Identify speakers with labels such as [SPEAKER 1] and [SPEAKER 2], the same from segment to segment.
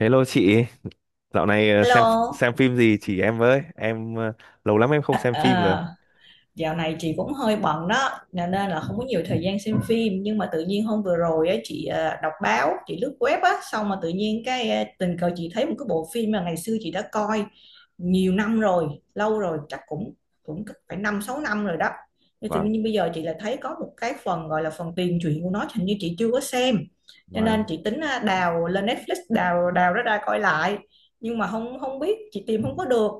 [SPEAKER 1] Hello chị, dạo này xem
[SPEAKER 2] Hello.
[SPEAKER 1] xem phim gì chỉ em với, em lâu lắm em không xem phim rồi.
[SPEAKER 2] Ờ, Dạo này chị cũng hơi bận đó, nên nên là không có nhiều thời gian xem phim. Nhưng mà tự nhiên hôm vừa rồi á, chị đọc báo, chị lướt web á, xong mà tự nhiên tình cờ chị thấy một cái bộ phim mà ngày xưa chị đã coi nhiều năm rồi, lâu rồi, chắc cũng cũng phải 5 6 năm rồi đó. Nhưng tự
[SPEAKER 1] Vâng,
[SPEAKER 2] nhiên bây giờ chị lại thấy có một cái phần gọi là phần tiền truyện của nó, hình như chị chưa có xem, cho nên
[SPEAKER 1] vâng.
[SPEAKER 2] chị tính đào lên Netflix đào đào nó ra coi lại. Nhưng mà không không biết chị tìm không có được.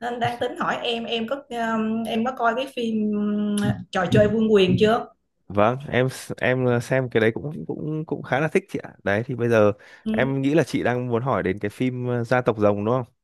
[SPEAKER 2] Nên đang tính hỏi em có coi cái phim Trò chơi vương quyền chưa?
[SPEAKER 1] Vâng, em xem cái đấy cũng cũng cũng khá là thích chị ạ. Đấy thì bây giờ
[SPEAKER 2] Ừ.
[SPEAKER 1] em nghĩ là chị đang muốn hỏi đến cái phim Gia tộc Rồng đúng không?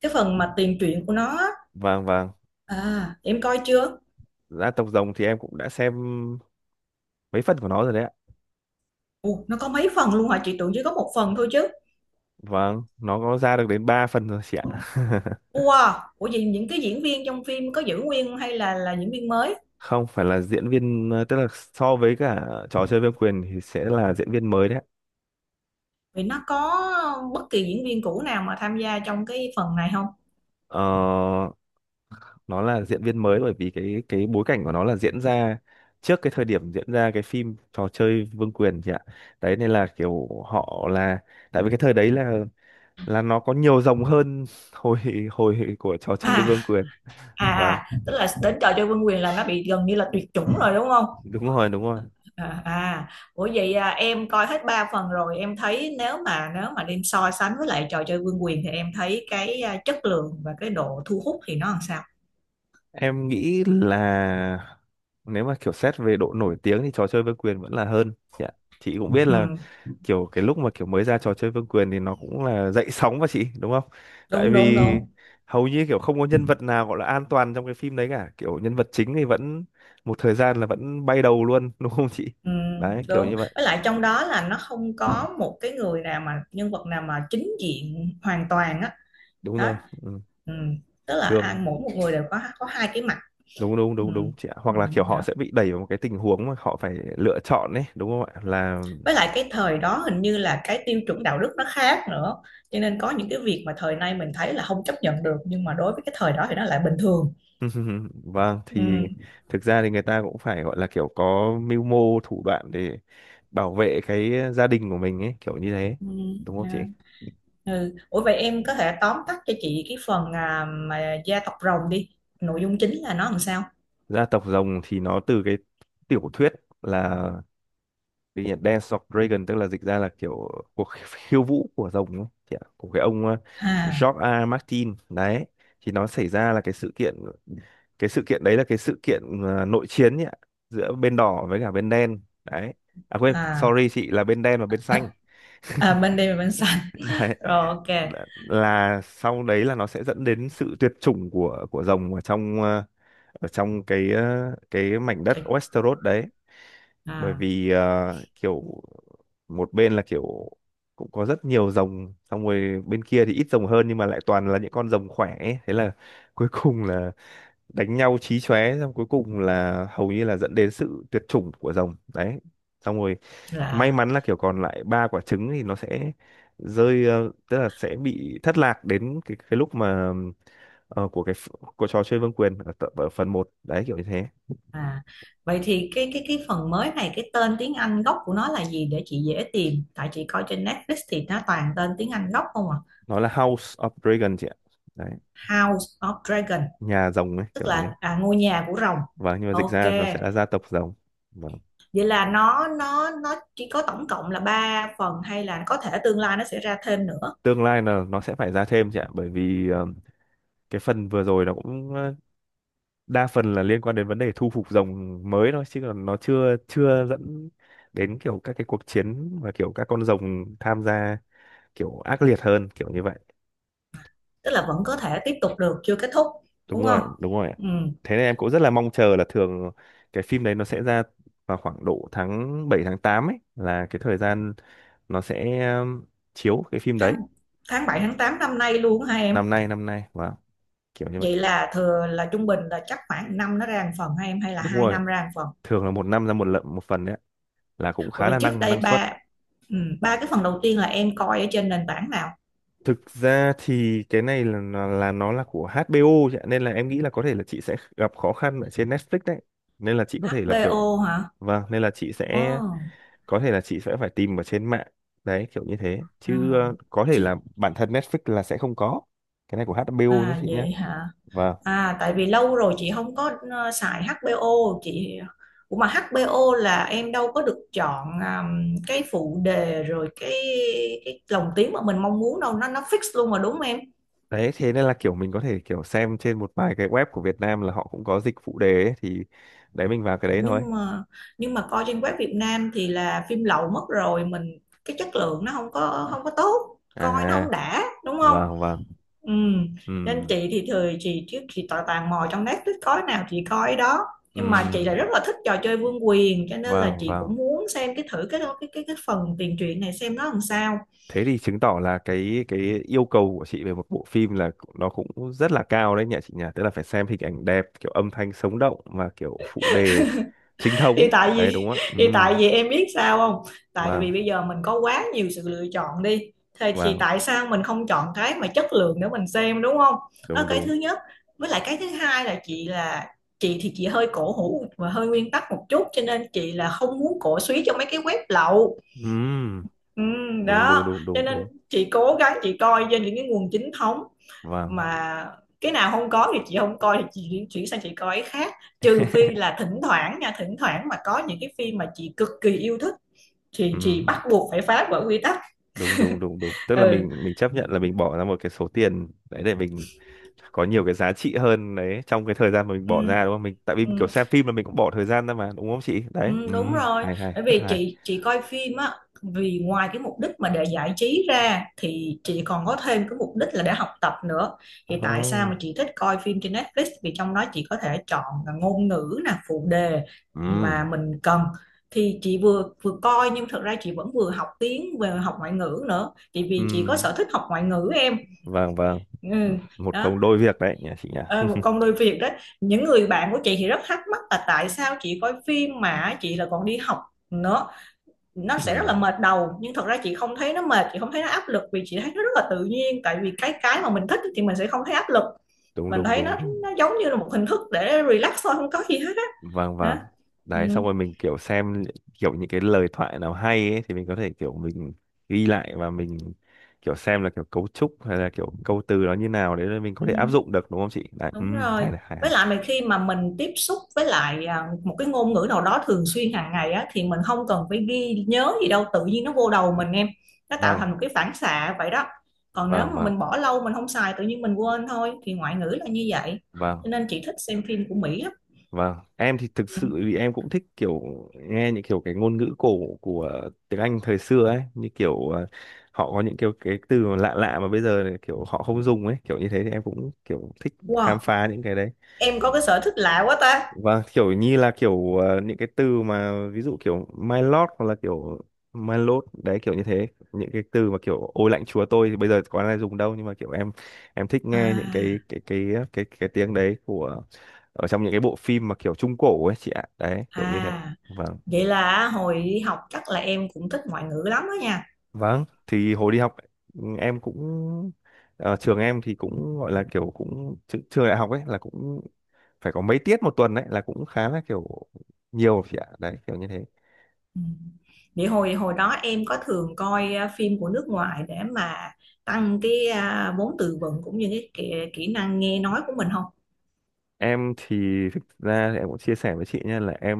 [SPEAKER 2] Cái phần mà tiền truyện của nó á.
[SPEAKER 1] Vâng, vâng.
[SPEAKER 2] À em coi chưa?
[SPEAKER 1] Gia tộc Rồng thì em cũng đã xem mấy phần của nó rồi đấy ạ.
[SPEAKER 2] Ồ, nó có mấy phần luôn hả, chị tưởng chỉ có một phần thôi chứ.
[SPEAKER 1] Vâng, nó có ra được đến 3 phần rồi chị ạ.
[SPEAKER 2] Wow, ủa vậy những cái diễn viên trong phim có giữ nguyên hay là diễn viên mới?
[SPEAKER 1] Không phải là diễn viên tức là so với cả trò chơi vương quyền thì sẽ là diễn viên mới đấy ạ.
[SPEAKER 2] Vì nó có bất kỳ diễn viên cũ nào mà tham gia trong cái phần này không?
[SPEAKER 1] Ờ nó là diễn viên mới bởi vì cái bối cảnh của nó là diễn ra trước cái thời điểm diễn ra cái phim trò chơi Vương quyền chị ạ, đấy nên là kiểu họ là, tại vì cái thời đấy là nó có nhiều dòng hơn hồi hồi của trò chơi
[SPEAKER 2] À
[SPEAKER 1] Vương quyền.
[SPEAKER 2] à
[SPEAKER 1] Và
[SPEAKER 2] à, tức là đến trò chơi vương quyền là nó bị gần như là tuyệt chủng rồi đúng không?
[SPEAKER 1] đúng rồi,
[SPEAKER 2] À, à, ủa vậy à, em coi hết 3 phần rồi, em thấy nếu mà đem so sánh với lại trò chơi vương quyền thì em thấy chất lượng và cái độ thu hút thì nó làm sao?
[SPEAKER 1] em nghĩ là nếu mà kiểu xét về độ nổi tiếng thì trò chơi Vương quyền vẫn là hơn chị cũng biết là
[SPEAKER 2] Ừ,
[SPEAKER 1] kiểu cái lúc mà kiểu mới ra trò chơi Vương quyền thì nó cũng là dậy sóng mà chị đúng không? Tại
[SPEAKER 2] đúng đúng
[SPEAKER 1] vì
[SPEAKER 2] đúng.
[SPEAKER 1] hầu như kiểu không có nhân vật nào gọi là an toàn trong cái phim đấy cả, kiểu nhân vật chính thì vẫn một thời gian là vẫn bay đầu luôn đúng không chị?
[SPEAKER 2] Ừ,
[SPEAKER 1] Đấy kiểu
[SPEAKER 2] đúng,
[SPEAKER 1] như vậy.
[SPEAKER 2] với lại trong đó là nó không có một cái người nào mà nhân vật nào mà chính diện hoàn toàn á.
[SPEAKER 1] Đúng
[SPEAKER 2] Đó.
[SPEAKER 1] rồi. Ừ.
[SPEAKER 2] Ừ. Tức là
[SPEAKER 1] Thường
[SPEAKER 2] ăn mỗi một người đều có hai cái mặt.
[SPEAKER 1] đúng đúng
[SPEAKER 2] Ừ.
[SPEAKER 1] đúng đúng chị ạ.
[SPEAKER 2] Ừ.
[SPEAKER 1] Hoặc là kiểu họ sẽ bị đẩy vào một cái tình huống mà họ phải lựa chọn ấy, đúng không ạ? Là
[SPEAKER 2] Với lại cái thời đó hình như là cái tiêu chuẩn đạo đức nó khác nữa, cho nên có những cái việc mà thời nay mình thấy là không chấp nhận được nhưng mà đối với cái thời đó thì nó lại bình thường.
[SPEAKER 1] vâng, thì
[SPEAKER 2] Ừ.
[SPEAKER 1] thực ra thì người ta cũng phải gọi là kiểu có mưu mô thủ đoạn để bảo vệ cái gia đình của mình ấy, kiểu như thế.
[SPEAKER 2] Ừ.
[SPEAKER 1] Đúng không chị?
[SPEAKER 2] À, ừ. Ủa vậy em có thể tóm tắt cho chị cái phần mà gia tộc rồng đi, nội dung chính là nó làm sao?
[SPEAKER 1] Gia tộc rồng thì nó từ cái tiểu thuyết, là cái gì nhỉ? Dance of Dragon, tức là dịch ra là kiểu cuộc khiêu vũ của rồng ấy, chị ạ, của cái ông
[SPEAKER 2] À
[SPEAKER 1] George A. Martin đấy. Thì nó xảy ra là cái sự kiện, cái sự kiện đấy là cái sự kiện nội chiến nhỉ, giữa bên đỏ với cả bên đen. Đấy. À quên,
[SPEAKER 2] à
[SPEAKER 1] sorry chị, là bên đen và bên xanh
[SPEAKER 2] à, bên đây là bên xanh.
[SPEAKER 1] đấy,
[SPEAKER 2] Rồi, ok.
[SPEAKER 1] là sau đấy là nó sẽ dẫn đến sự tuyệt chủng của rồng ở trong ở trong cái mảnh đất Westeros đấy, bởi
[SPEAKER 2] À,
[SPEAKER 1] vì kiểu một bên là kiểu cũng có rất nhiều rồng, xong rồi bên kia thì ít rồng hơn nhưng mà lại toàn là những con rồng khỏe ấy. Thế là cuối cùng là đánh nhau chí chóe, xong cuối cùng là hầu như là dẫn đến sự tuyệt chủng của rồng đấy, xong rồi may
[SPEAKER 2] là.
[SPEAKER 1] mắn là kiểu còn lại ba quả trứng thì nó sẽ rơi, tức là sẽ bị thất lạc đến cái lúc mà ờ, của cái ph- của trò chơi vương quyền ở, ở phần một đấy kiểu như thế.
[SPEAKER 2] À, vậy thì cái phần mới này, cái tên tiếng Anh gốc của nó là gì để chị dễ tìm? Tại chị coi trên Netflix thì nó toàn tên tiếng Anh gốc không à?
[SPEAKER 1] Nó là House of Dragon chị ạ, đấy,
[SPEAKER 2] House of Dragon,
[SPEAKER 1] nhà rồng ấy
[SPEAKER 2] tức
[SPEAKER 1] kiểu đấy.
[SPEAKER 2] là ngôi nhà của rồng.
[SPEAKER 1] Và nhưng mà dịch
[SPEAKER 2] Ok.
[SPEAKER 1] ra nó sẽ là gia tộc rồng. Vâng.
[SPEAKER 2] Vậy là nó chỉ có tổng cộng là 3 phần hay là có thể tương lai nó sẽ ra thêm nữa,
[SPEAKER 1] Tương lai là nó sẽ phải ra thêm chị ạ, bởi vì cái phần vừa rồi nó cũng đa phần là liên quan đến vấn đề thu phục rồng mới thôi, chứ còn nó chưa chưa dẫn đến kiểu các cái cuộc chiến và kiểu các con rồng tham gia kiểu ác liệt hơn kiểu như vậy.
[SPEAKER 2] tức là vẫn có thể tiếp tục được, chưa kết thúc,
[SPEAKER 1] đúng
[SPEAKER 2] đúng không?
[SPEAKER 1] rồi đúng rồi ạ.
[SPEAKER 2] Ừ,
[SPEAKER 1] Thế nên em cũng rất là mong chờ là thường cái phim đấy nó sẽ ra vào khoảng độ tháng 7 tháng 8 ấy, là cái thời gian nó sẽ chiếu cái phim
[SPEAKER 2] tháng
[SPEAKER 1] đấy.
[SPEAKER 2] tháng bảy tháng tám năm nay luôn hả em?
[SPEAKER 1] Năm nay wow, kiểu như vậy.
[SPEAKER 2] Vậy là thừa là trung bình là chắc khoảng năm nó ra một phần hay em hay là
[SPEAKER 1] Đúng
[SPEAKER 2] hai
[SPEAKER 1] rồi,
[SPEAKER 2] năm ra một phần?
[SPEAKER 1] thường là một năm ra một lận một phần đấy ạ, là cũng
[SPEAKER 2] Bởi
[SPEAKER 1] khá
[SPEAKER 2] vì
[SPEAKER 1] là
[SPEAKER 2] trước
[SPEAKER 1] năng
[SPEAKER 2] đây
[SPEAKER 1] năng suất.
[SPEAKER 2] ba, ừ, 3 cái phần đầu tiên là em coi ở trên nền tảng nào?
[SPEAKER 1] Thực ra thì cái này là nó là của HBO chị ạ, nên là em nghĩ là có thể là chị sẽ gặp khó khăn ở trên Netflix đấy, nên là chị có thể là kiểu,
[SPEAKER 2] HBO hả?
[SPEAKER 1] vâng, nên là chị
[SPEAKER 2] Ồ,
[SPEAKER 1] sẽ có thể là chị sẽ phải tìm ở trên mạng đấy kiểu như thế,
[SPEAKER 2] à,
[SPEAKER 1] chứ có thể
[SPEAKER 2] chị,
[SPEAKER 1] là bản thân Netflix là sẽ không có, cái này của HBO nhé
[SPEAKER 2] à
[SPEAKER 1] chị nhé.
[SPEAKER 2] vậy hả,
[SPEAKER 1] Và
[SPEAKER 2] à tại vì lâu rồi chị không có xài HBO. Chị. Ủa mà HBO là em đâu có được chọn cái phụ đề rồi cái lồng tiếng mà mình mong muốn đâu, nó fix luôn mà đúng không em?
[SPEAKER 1] đấy thế nên là kiểu mình có thể kiểu xem trên một vài cái web của Việt Nam là họ cũng có dịch phụ đề ấy, thì đấy mình vào cái đấy thôi.
[SPEAKER 2] nhưng mà nhưng mà coi trên web Việt Nam thì là phim lậu mất rồi mình, cái chất lượng nó không có tốt, coi nó
[SPEAKER 1] À
[SPEAKER 2] không đã đúng không?
[SPEAKER 1] vâng, vâng.
[SPEAKER 2] Ừ. Nên
[SPEAKER 1] Ừ,
[SPEAKER 2] chị thì thời chị trước chị tò tàn mò trong Netflix có nào chị coi đó, nhưng mà chị lại rất
[SPEAKER 1] ừ.
[SPEAKER 2] là thích trò chơi vương quyền cho nên là
[SPEAKER 1] Vâng,
[SPEAKER 2] chị
[SPEAKER 1] vâng.
[SPEAKER 2] cũng muốn xem cái thử cái phần tiền truyện này xem nó làm sao.
[SPEAKER 1] Thế thì chứng tỏ là cái yêu cầu của chị về một bộ phim là cũng, nó cũng rất là cao đấy nhỉ chị nhỉ, tức là phải xem hình ảnh đẹp, kiểu âm thanh sống động và kiểu phụ đề chính thống
[SPEAKER 2] thì tại
[SPEAKER 1] đấy đúng
[SPEAKER 2] vì
[SPEAKER 1] không ạ?
[SPEAKER 2] thì tại vì em biết sao không, tại
[SPEAKER 1] Vâng
[SPEAKER 2] vì bây giờ mình có quá nhiều sự lựa chọn đi, thì
[SPEAKER 1] vâng,
[SPEAKER 2] tại sao mình không chọn cái mà chất lượng để mình xem đúng không? Đó là
[SPEAKER 1] đúng
[SPEAKER 2] cái
[SPEAKER 1] đúng.
[SPEAKER 2] thứ nhất. Với lại cái thứ hai là chị thì chị hơi cổ hủ và hơi nguyên tắc một chút, cho nên chị là không muốn cổ suý cho mấy cái web lậu.
[SPEAKER 1] Ừm,
[SPEAKER 2] Ừ,
[SPEAKER 1] đúng đúng
[SPEAKER 2] đó
[SPEAKER 1] đúng
[SPEAKER 2] cho
[SPEAKER 1] đúng
[SPEAKER 2] nên
[SPEAKER 1] đúng
[SPEAKER 2] chị cố gắng chị coi trên những cái nguồn chính thống,
[SPEAKER 1] Vâng.
[SPEAKER 2] mà cái nào không có thì chị không coi, thì chị chuyển chuyển sang chị coi cái khác, trừ phi là thỉnh thoảng nha, thỉnh thoảng mà có những cái phim mà chị cực kỳ yêu thích thì chị
[SPEAKER 1] Ừm,
[SPEAKER 2] bắt buộc phải phá vỡ quy tắc.
[SPEAKER 1] đúng đúng đúng đúng, tức là
[SPEAKER 2] Ừ.
[SPEAKER 1] mình chấp nhận là mình bỏ ra một cái số tiền đấy để mình có nhiều cái giá trị hơn đấy, trong cái thời gian mà mình
[SPEAKER 2] Ừ.
[SPEAKER 1] bỏ ra đúng không mình, tại vì
[SPEAKER 2] Ừ.
[SPEAKER 1] kiểu xem phim là mình cũng bỏ thời gian ra mà đúng không chị đấy.
[SPEAKER 2] Ừ, đúng rồi,
[SPEAKER 1] Hay,
[SPEAKER 2] bởi
[SPEAKER 1] rất
[SPEAKER 2] vì
[SPEAKER 1] hay.
[SPEAKER 2] chị coi phim á, vì ngoài cái mục đích mà để giải trí ra thì chị còn có thêm cái mục đích là để học tập nữa. Thì tại sao
[SPEAKER 1] Oh.
[SPEAKER 2] mà chị thích coi phim trên Netflix, vì trong đó chị có thể chọn là ngôn ngữ nè, phụ đề
[SPEAKER 1] Ừ.
[SPEAKER 2] mà mình cần, thì chị vừa vừa coi nhưng thật ra chị vẫn vừa học tiếng vừa học ngoại ngữ nữa, thì
[SPEAKER 1] Ừ.
[SPEAKER 2] vì chị có sở thích học ngoại ngữ em.
[SPEAKER 1] Vâng vâng. Ừ,
[SPEAKER 2] Ừ,
[SPEAKER 1] một
[SPEAKER 2] đó.
[SPEAKER 1] công đôi việc đấy nhỉ chị nhỉ.
[SPEAKER 2] Ờ, một công đôi việc đấy. Những người bạn của chị thì rất thắc mắc là tại sao chị coi phim mà chị là còn đi học nữa, nó sẽ rất
[SPEAKER 1] Ừ.
[SPEAKER 2] là mệt đầu, nhưng thật ra chị không thấy nó mệt, chị không thấy nó áp lực vì chị thấy nó rất là tự nhiên, tại vì cái mà mình thích thì mình sẽ không thấy áp lực,
[SPEAKER 1] Đúng
[SPEAKER 2] mình
[SPEAKER 1] đúng
[SPEAKER 2] thấy
[SPEAKER 1] đúng
[SPEAKER 2] nó
[SPEAKER 1] đúng.
[SPEAKER 2] giống như là một hình thức để relax thôi, không có gì hết á.
[SPEAKER 1] Vâng
[SPEAKER 2] Đó.
[SPEAKER 1] vâng.
[SPEAKER 2] Ừ.
[SPEAKER 1] Đấy xong rồi mình kiểu xem kiểu những cái lời thoại nào hay ấy thì mình có thể kiểu mình ghi lại và mình kiểu xem là kiểu cấu trúc hay là kiểu câu từ nó như nào, đấy là mình có
[SPEAKER 2] Ừ.
[SPEAKER 1] thể áp dụng được đúng không chị? Đấy. Ừ,
[SPEAKER 2] Đúng rồi.
[SPEAKER 1] hay này, hay
[SPEAKER 2] Với
[SPEAKER 1] hay.
[SPEAKER 2] lại mà khi mà mình tiếp xúc với lại một cái ngôn ngữ nào đó thường xuyên hàng ngày á thì mình không cần phải ghi nhớ gì đâu, tự nhiên nó vô đầu mình em. Nó tạo
[SPEAKER 1] Vâng,
[SPEAKER 2] thành một cái phản xạ vậy đó. Còn nếu
[SPEAKER 1] vâng
[SPEAKER 2] mà
[SPEAKER 1] vâng
[SPEAKER 2] mình bỏ lâu mình không xài tự nhiên mình quên thôi, thì ngoại ngữ là như vậy.
[SPEAKER 1] vâng.
[SPEAKER 2] Cho nên chị thích xem phim của Mỹ lắm.
[SPEAKER 1] Vâng, em thì thực
[SPEAKER 2] Ừ.
[SPEAKER 1] sự vì em cũng thích kiểu nghe những kiểu cái ngôn ngữ cổ của tiếng Anh thời xưa ấy, như kiểu họ có những kiểu cái từ mà lạ lạ mà bây giờ thì kiểu họ không dùng ấy, kiểu như thế, thì em cũng kiểu thích khám
[SPEAKER 2] Wow,
[SPEAKER 1] phá những cái đấy.
[SPEAKER 2] em có cái sở thích lạ quá ta.
[SPEAKER 1] Vâng, kiểu như là kiểu những cái từ mà ví dụ kiểu my lord hoặc là kiểu my lord đấy kiểu như thế. Những cái từ mà kiểu ôi lạnh chúa tôi thì bây giờ có ai dùng đâu, nhưng mà kiểu em thích nghe những cái
[SPEAKER 2] À,
[SPEAKER 1] cái cái cái cái tiếng đấy của, ở trong những cái bộ phim mà kiểu trung cổ ấy chị ạ. Đấy, kiểu như thế.
[SPEAKER 2] à,
[SPEAKER 1] Vâng.
[SPEAKER 2] vậy là hồi đi học chắc là em cũng thích ngoại ngữ lắm đó nha.
[SPEAKER 1] Vâng, thì hồi đi học em cũng trường em thì cũng gọi là kiểu cũng trường đại học ấy là cũng phải có mấy tiết một tuần đấy, là cũng khá là kiểu nhiều chị ạ. Đấy, kiểu như thế.
[SPEAKER 2] Ừ. Vậy hồi hồi đó em có thường coi phim của nước ngoài để mà tăng cái vốn từ vựng cũng như cái kỹ năng nghe nói của mình không?
[SPEAKER 1] Em thì thực ra thì em cũng chia sẻ với chị nha, là em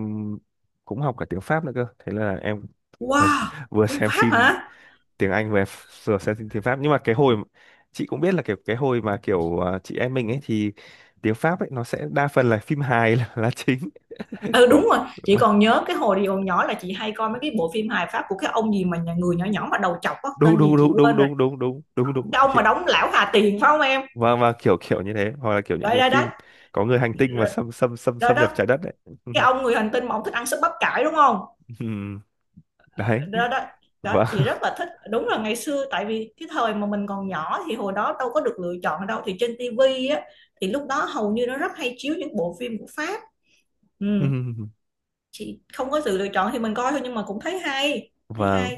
[SPEAKER 1] cũng học cả tiếng Pháp nữa cơ, thế là em vừa,
[SPEAKER 2] Wow,
[SPEAKER 1] vừa
[SPEAKER 2] tiếng
[SPEAKER 1] xem
[SPEAKER 2] Pháp
[SPEAKER 1] phim
[SPEAKER 2] hả?
[SPEAKER 1] tiếng Anh về vừa xem phim tiếng Pháp, nhưng mà cái hồi, chị cũng biết là kiểu cái hồi mà kiểu chị em mình ấy, thì tiếng Pháp ấy nó sẽ đa phần là phim hài là chính.
[SPEAKER 2] Ừ
[SPEAKER 1] Có,
[SPEAKER 2] đúng rồi, chị
[SPEAKER 1] vâng.
[SPEAKER 2] còn nhớ cái hồi đi còn nhỏ là chị hay coi mấy cái bộ phim hài Pháp của cái ông gì mà nhà người nhỏ nhỏ mà đầu chọc á,
[SPEAKER 1] đúng
[SPEAKER 2] tên gì
[SPEAKER 1] đúng
[SPEAKER 2] chị
[SPEAKER 1] đúng đúng
[SPEAKER 2] quên rồi.
[SPEAKER 1] đúng đúng đúng đúng đúng
[SPEAKER 2] Cái ông
[SPEAKER 1] chị
[SPEAKER 2] mà
[SPEAKER 1] ạ.
[SPEAKER 2] đóng lão Hà Tiền phải không em?
[SPEAKER 1] Và kiểu kiểu như thế hoặc là kiểu những
[SPEAKER 2] Đấy
[SPEAKER 1] cái
[SPEAKER 2] đấy đấy.
[SPEAKER 1] phim có người hành tinh mà xâm xâm xâm
[SPEAKER 2] Rồi
[SPEAKER 1] xâm
[SPEAKER 2] đó,
[SPEAKER 1] nhập trái đất đấy.
[SPEAKER 2] cái ông người hành tinh mà ông thích ăn súp bắp cải đúng không?
[SPEAKER 1] Ừm, đấy.
[SPEAKER 2] Đó, đó. Đó
[SPEAKER 1] Và
[SPEAKER 2] chị rất là thích, đúng là ngày xưa tại vì cái thời mà mình còn nhỏ thì hồi đó đâu có được lựa chọn đâu, thì trên tivi á thì lúc đó hầu như nó rất hay chiếu những bộ phim của Pháp. Ừ. Chị không có sự lựa chọn thì mình coi thôi nhưng mà cũng thấy hay, thấy
[SPEAKER 1] và
[SPEAKER 2] hay.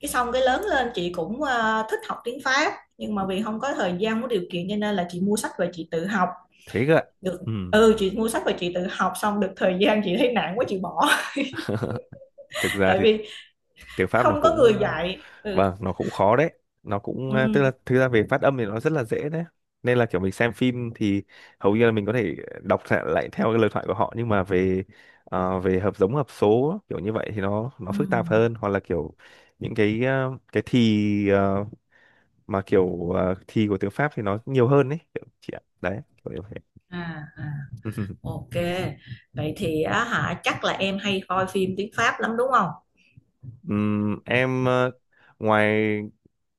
[SPEAKER 2] Cái xong cái lớn lên chị cũng thích học tiếng Pháp, nhưng mà vì không có thời gian có điều kiện cho nên là chị mua sách và chị tự học
[SPEAKER 1] thế cơ ạ.
[SPEAKER 2] được.
[SPEAKER 1] Ừ.
[SPEAKER 2] Ừ, chị mua sách và chị tự học xong được thời gian chị thấy nản quá chị bỏ.
[SPEAKER 1] Thực ra
[SPEAKER 2] Tại
[SPEAKER 1] thì
[SPEAKER 2] vì
[SPEAKER 1] tiếng Pháp nó
[SPEAKER 2] không có
[SPEAKER 1] cũng,
[SPEAKER 2] người dạy. Ừ.
[SPEAKER 1] vâng, nó cũng khó đấy, nó cũng tức là
[SPEAKER 2] Ừ.
[SPEAKER 1] thực ra về phát âm thì nó rất là dễ đấy, nên là kiểu mình xem phim thì hầu như là mình có thể đọc lại theo cái lời thoại của họ, nhưng mà về về hợp giống hợp số kiểu như vậy thì nó
[SPEAKER 2] Ừ.
[SPEAKER 1] phức tạp hơn, hoặc là kiểu những cái cái thì à, mà kiểu à, thì của tiếng Pháp thì nó nhiều hơn đấy kiểu chị ạ đấy kiểu như vậy.
[SPEAKER 2] À, à. Ok, vậy thì á hả chắc là em hay coi phim tiếng Pháp lắm đúng không?
[SPEAKER 1] Em ngoài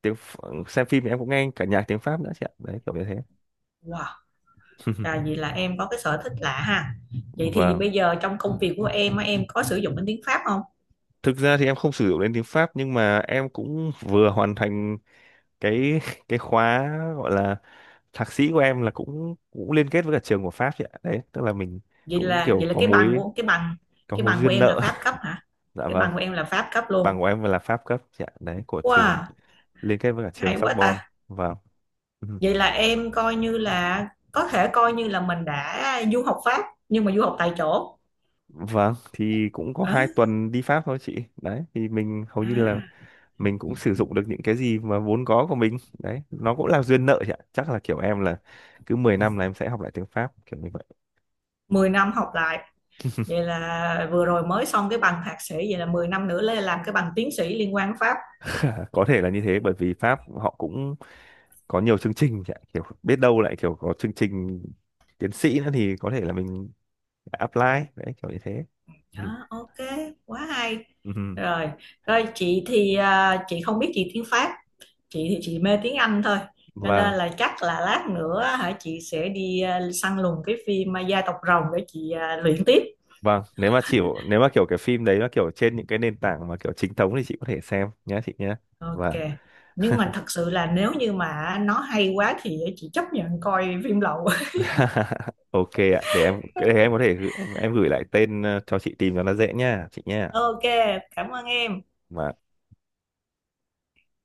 [SPEAKER 1] xem phim thì em cũng nghe cả nhạc tiếng Pháp nữa chị ạ đấy kiểu như thế.
[SPEAKER 2] Wow, là vì là em có cái sở thích lạ ha. Vậy thì
[SPEAKER 1] Vâng,
[SPEAKER 2] bây giờ trong công việc của em á, em có sử dụng đến tiếng Pháp không?
[SPEAKER 1] thực ra thì em không sử dụng đến tiếng Pháp, nhưng mà em cũng vừa hoàn thành cái cái khóa gọi là thạc sĩ của em, là cũng cũng liên kết với cả trường của Pháp chị ạ, đấy tức là mình
[SPEAKER 2] Vậy
[SPEAKER 1] cũng
[SPEAKER 2] là
[SPEAKER 1] kiểu có mối,
[SPEAKER 2] cái bằng,
[SPEAKER 1] có
[SPEAKER 2] cái
[SPEAKER 1] mối
[SPEAKER 2] bằng của
[SPEAKER 1] duyên
[SPEAKER 2] em là
[SPEAKER 1] nợ.
[SPEAKER 2] Pháp cấp hả?
[SPEAKER 1] Dạ
[SPEAKER 2] Cái
[SPEAKER 1] vâng,
[SPEAKER 2] bằng của em là Pháp cấp
[SPEAKER 1] bằng
[SPEAKER 2] luôn.
[SPEAKER 1] của em là Pháp cấp chị ạ, đấy của trường
[SPEAKER 2] Wow,
[SPEAKER 1] liên kết với cả trường
[SPEAKER 2] hay quá
[SPEAKER 1] Sorbonne.
[SPEAKER 2] ta.
[SPEAKER 1] Vâng. Ừ.
[SPEAKER 2] Vậy là em coi như là có thể coi như là mình đã du học Pháp nhưng mà du học tại chỗ.
[SPEAKER 1] Vâng thì cũng có
[SPEAKER 2] À,
[SPEAKER 1] 2 tuần đi Pháp thôi chị, đấy thì mình hầu
[SPEAKER 2] à,
[SPEAKER 1] như là mình cũng sử dụng được những cái gì mà vốn có của mình đấy, nó cũng là duyên nợ chị ạ, chắc là kiểu em là cứ 10 năm là em sẽ học lại tiếng Pháp kiểu như vậy.
[SPEAKER 2] mười năm học lại. Vậy là vừa rồi mới xong cái bằng thạc sĩ vậy là 10 năm nữa lên làm cái bằng tiến sĩ liên quan Pháp.
[SPEAKER 1] À, có thể là như thế bởi vì Pháp họ cũng có nhiều chương trình chị ạ, kiểu biết đâu lại kiểu có chương trình tiến sĩ nữa thì có thể là mình apply đấy kiểu như thế. Ừ.
[SPEAKER 2] Đó, ok, quá hay.
[SPEAKER 1] Ừ. Ừ.
[SPEAKER 2] Rồi, rồi chị thì chị không biết gì tiếng Pháp, chị thì chị mê tiếng Anh thôi. Cho nên
[SPEAKER 1] Vâng
[SPEAKER 2] là chắc là lát nữa hả chị sẽ đi săn lùng cái phim Gia tộc Rồng để chị luyện tiếp.
[SPEAKER 1] vâng, nếu mà chịu, nếu mà kiểu cái phim đấy nó kiểu trên những cái nền tảng mà kiểu chính thống thì chị có thể xem nhé chị nhé.
[SPEAKER 2] Ok.
[SPEAKER 1] Vâng.
[SPEAKER 2] Nhưng mà thật sự là nếu như mà nó hay quá thì chị chấp nhận coi phim lậu.
[SPEAKER 1] Ok ạ, để em, để em có thể gửi, em gửi lại tên cho chị tìm cho nó dễ nha chị nha.
[SPEAKER 2] Ok, cảm ơn em.
[SPEAKER 1] Và